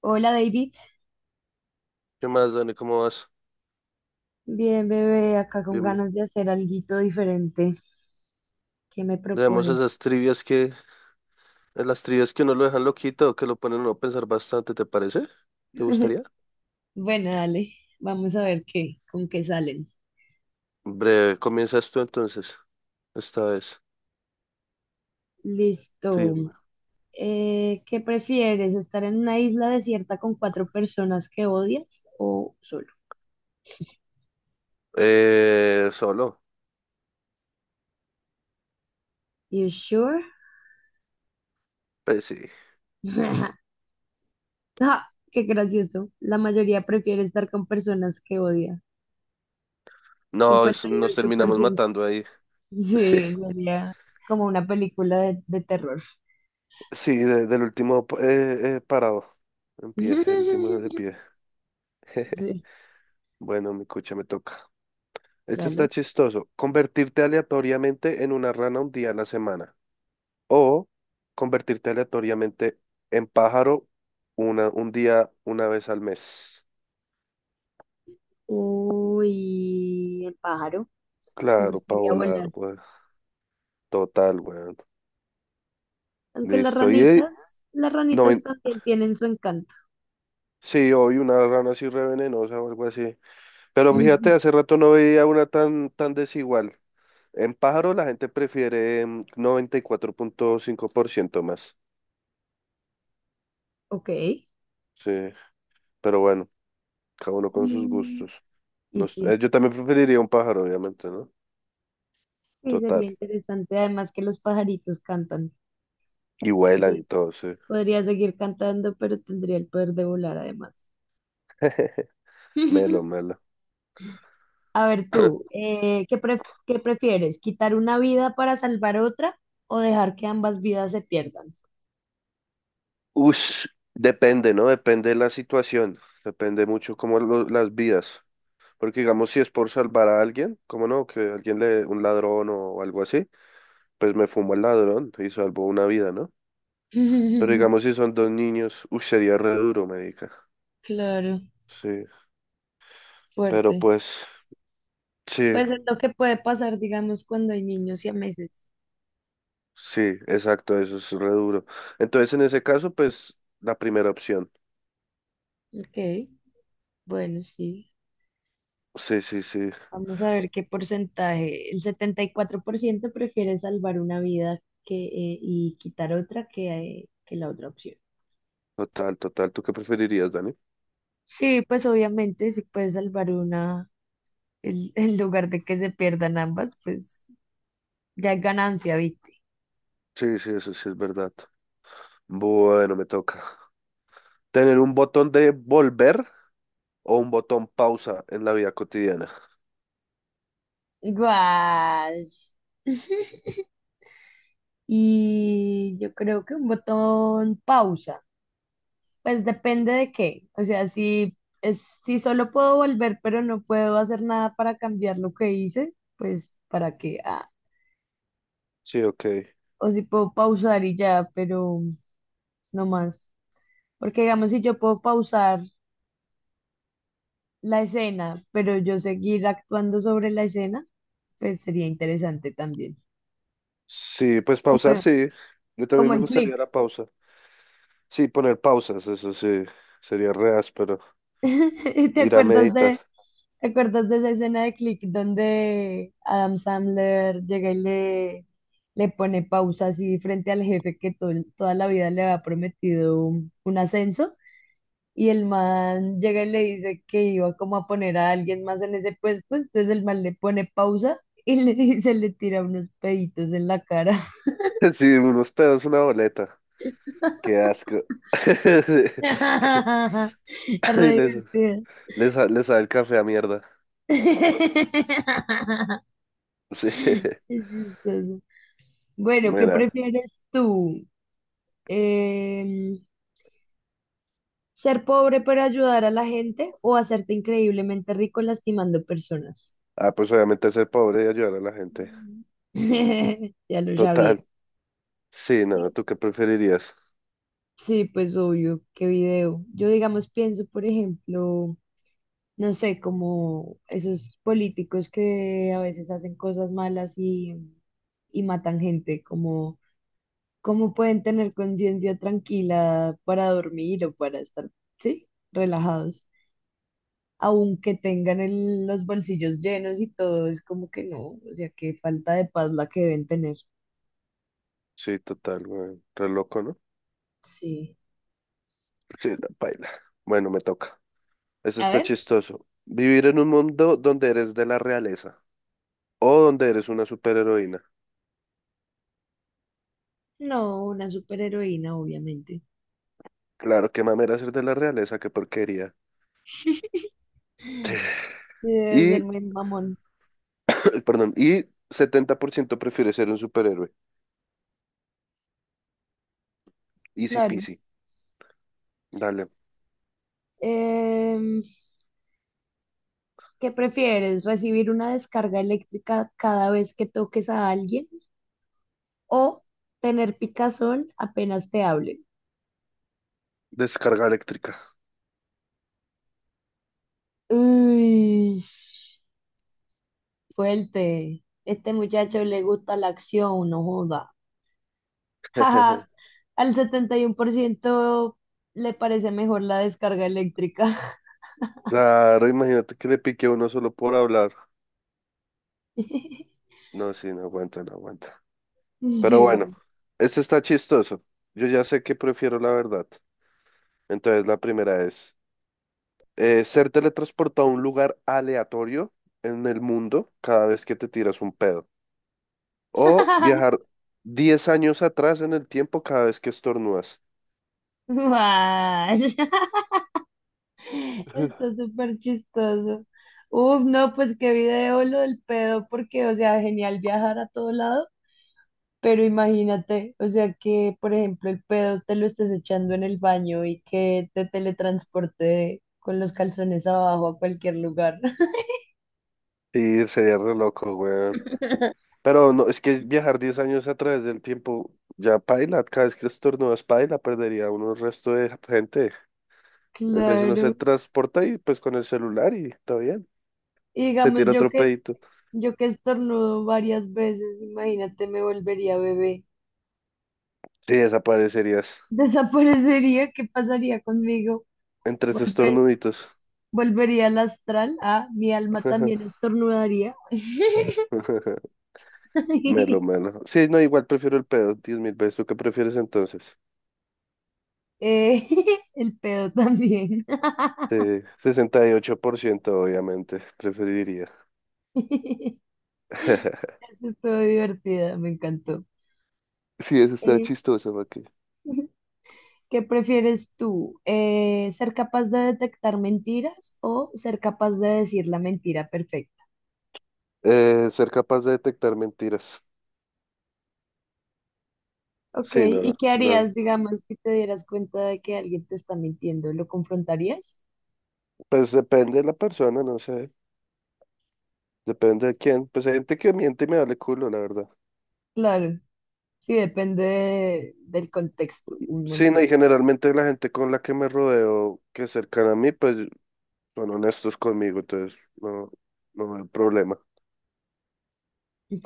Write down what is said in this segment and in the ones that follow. Hola David, ¿Qué más, Dani? ¿Cómo vas? bien bebé, acá con Bien, bien. ganas de hacer algo diferente. ¿Qué me Debemos propones? esas trivias que, las trivias que uno lo dejan loquito que lo ponen a uno a pensar bastante, ¿te parece? ¿Te gustaría? Bueno, dale, vamos a ver qué, con qué salen. Breve, comienzas tú entonces, esta vez. Listo. Firme. ¿Qué prefieres? ¿Estar en una isla desierta con cuatro personas que odias o solo? Solo. You sure? Pues sí. Ah, qué gracioso. La mayoría prefiere estar con personas que odia. No, Cincuenta y nos ocho por terminamos ciento. matando ahí. Sí, Sí, sería como una película de terror. sí, del último parado. En pie, el último de pie. Sí, Bueno, mi cucha me toca. Este está dale. chistoso. Convertirte aleatoriamente en una rana un día a la semana. O convertirte aleatoriamente en pájaro un día, una vez al mes. Uy, el pájaro. Me Claro, para gustaría volar, volar. weón. Total, weón. Aunque Listo. Y las no, ranitas también tienen su encanto. sí, hoy una rana así re venenosa o algo así. Pero fíjate, hace rato no veía una tan, tan desigual. En pájaro la gente prefiere 94.5% más. Ok. Sí, pero bueno, cada uno con sus Mm, gustos. y No sí, yo también preferiría un pájaro, obviamente, ¿no? sí, Total. sería interesante. Además que los pajaritos cantan. Y vuelan y Así todo, sí. podría seguir cantando, pero tendría el poder de volar además. Melo, melo. A ver tú, ¿qué prefieres? ¿Quitar una vida para salvar otra o dejar que ambas vidas se pierdan? Ush, depende, ¿no? Depende de la situación. Depende mucho como las vidas. Porque digamos, si es por salvar a alguien, como no? Que alguien le, un ladrón o algo así, pues me fumo al ladrón y salvo una vida, ¿no? Pero digamos, si son dos niños, uy, sería re duro, marica. Claro. Sí, pero Fuerte. pues, sí, Pues es lo que puede pasar, digamos, cuando hay niños y a meses. sí, exacto, eso es re duro. Entonces, en ese caso, pues, la primera opción. Ok, bueno, sí. Sí, sí, sí, Vamos a ver qué porcentaje. El 74% prefiere salvar una vida que, y quitar otra que la otra opción. total, total. ¿Tú qué preferirías, Dani? Sí, pues obviamente si puedes salvar una en lugar de que se pierdan ambas, pues ya es ganancia, ¿viste? Sí, sí, eso sí es verdad. Bueno, me toca. Tener un botón de volver o un botón pausa en la vida cotidiana. Guau. Y yo creo que un botón pausa. Pues depende de qué. O sea, si es, si solo puedo volver, pero no puedo hacer nada para cambiar lo que hice, pues para qué. Ah, Sí, ok. o si puedo pausar y ya, pero no más. Porque digamos, si yo puedo pausar la escena, pero yo seguir actuando sobre la escena, pues sería interesante también. Sí, pues pausar, Como, sí. Yo también como me en Click. gustaría la pausa. Sí, poner pausas, eso sí. Sería re áspero. ¿Te Ir a acuerdas de, meditar. ¿Te acuerdas de esa escena de Click donde Adam Sandler llega le pone pausa así frente al jefe que toda la vida le había prometido un ascenso? Y el man llega y le dice que iba como a poner a alguien más en ese puesto, entonces el man le pone pausa y le dice, le tira unos peditos en la cara. Sí, unos pedos, una boleta. Qué asco. Es Y re divertido. Les sabe el café a mierda. Sí. Es chistoso. Bueno, ¿qué Mira. prefieres tú? Em, ¿ser pobre pero ayudar a la gente o hacerte increíblemente rico lastimando personas? Ah, pues obviamente ser pobre y ayudar a la gente. Ya lo sabía. Total. Sí, Sí, no, ¿tú qué preferirías? sí, pues obvio, qué video. Yo, digamos, pienso, por ejemplo, no sé, como esos políticos que a veces hacen cosas malas y matan gente, como cómo pueden tener conciencia tranquila para dormir o para estar, sí, relajados. Aunque tengan los bolsillos llenos y todo, es como que no, o sea, qué falta de paz la que deben tener. Sí, total, güey. Re loco, ¿no? Sí. Sí, la paila. Bueno, me toca. Eso A está ver, chistoso. Vivir en un mundo donde eres de la realeza o donde eres una superheroína. no, una superheroína, obviamente. Claro, qué mamera ser de la realeza, qué porquería. Debe ser Y, muy mamón, perdón, y 70% prefiere ser un superhéroe. Easy claro. peasy. Dale. Em, ¿Qué prefieres? ¿Recibir una descarga eléctrica cada vez que toques a alguien o tener picazón apenas te hablen? Descarga eléctrica. Uy, fuerte. Este muchacho le gusta la acción, no joda. Jaja, al 71% le parece mejor la descarga eléctrica. Claro, imagínate que le pique a uno solo por hablar. No, sí, no aguanta, no aguanta. Pero Sí, bueno, man. este está chistoso. Yo ya sé que prefiero la verdad. Entonces, la primera es ser teletransportado a un lugar aleatorio en el mundo cada vez que te tiras un pedo. O viajar 10 años atrás en el tiempo cada vez que estornudas. Guay. Está súper chistoso. Uf, no, pues qué video lo del pedo, porque, o sea, genial viajar a todo lado, pero imagínate, o sea, que, por ejemplo, el pedo te lo estés echando en el baño y que te teletransporte con los calzones abajo a cualquier lugar. Y sería re loco, weón. Pero no, es que viajar 10 años a través del tiempo ya paila. Cada vez que estornudas paila, perdería uno el resto de gente. En vez de uno se Claro. transporta y pues con el celular y está bien. Y Se digamos, tira otro pedito. yo que estornudo varias veces, imagínate, me volvería bebé. Sí, desaparecerías Desaparecería, ¿qué pasaría conmigo? entre esos Volver, estornuditos. volvería al astral. Ah, mi alma también estornudaría. Melo, melo. Sí, no, igual prefiero el pedo, 10.000 veces. ¿Tú qué prefieres entonces? Eh, el pedo también. 68% obviamente, preferiría. Estuvo divertida, me encantó. Sí, eso está Eh, chistoso, ¿para qué? ¿qué prefieres tú? ¿Ser capaz de detectar mentiras o ser capaz de decir la mentira perfecta? Ser capaz de detectar mentiras. Ok, Sí, no, ¿y qué harías, no. digamos, si te dieras cuenta de que alguien te está mintiendo? ¿Lo confrontarías? Pues depende de la persona, no sé. Depende de quién. Pues hay gente que miente y me vale culo, la verdad. Claro, sí, depende del contexto, un Sí, no, y montón. generalmente la gente con la que me rodeo, que es cercana a mí, pues son honestos conmigo, entonces no, no hay problema.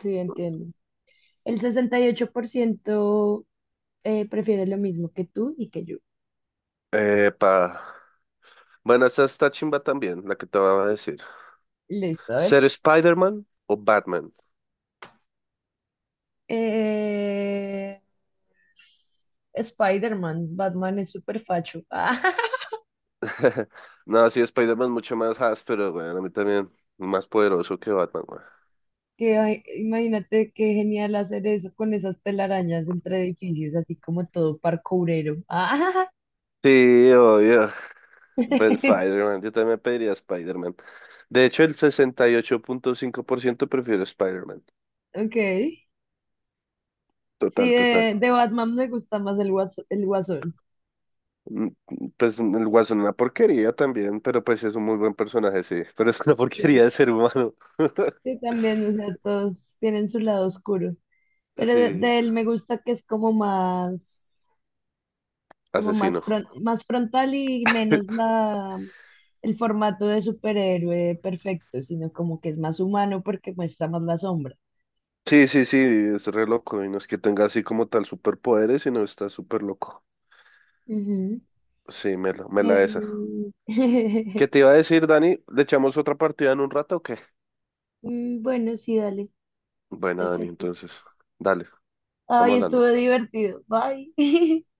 Sí, entiendo. El 68% prefiere lo mismo que tú y que yo. Epa. Bueno, esta está chimba también, la que te voy a decir. Listo, a ver. ¿Ser Spider-Man o Batman? Eh, Spider-Man, Batman es súper facho. No, sí, Spider-Man mucho más áspero, weón. A mí también, más poderoso que Batman, weón. Que, ay, imagínate qué genial hacer eso con esas telarañas entre edificios, así como todo parkourero. Sí, obvio. Pero Spider-Man, yo también pediría Spider-Man. De hecho, el 68.5% prefiere Spider-Man. Ok. Sí, Total, total. De Batman me gusta más el el guasón. Mm, Pues el Guasón una porquería también, pero pues es un muy buen personaje, sí. Pero es una porquería Sí. de ser humano. Sí, también, o sea, todos tienen su lado oscuro. Pero Sí, de él me gusta que es como más, asesino. Más frontal y menos la, el formato de superhéroe perfecto, sino como que es más humano porque muestra más la sombra. Sí, sí, sí, es re loco. Y no es que tenga así como tal superpoderes, sino está súper loco. Ujú. Sí, me la esa. Eh, ¿Qué te iba a decir, Dani? ¿Le echamos otra partida en un rato o qué? mm, Bueno, sí, dale. Buena, Dani, Perfecto. entonces. Dale, estamos Ay, estuvo hablando. divertido. Bye.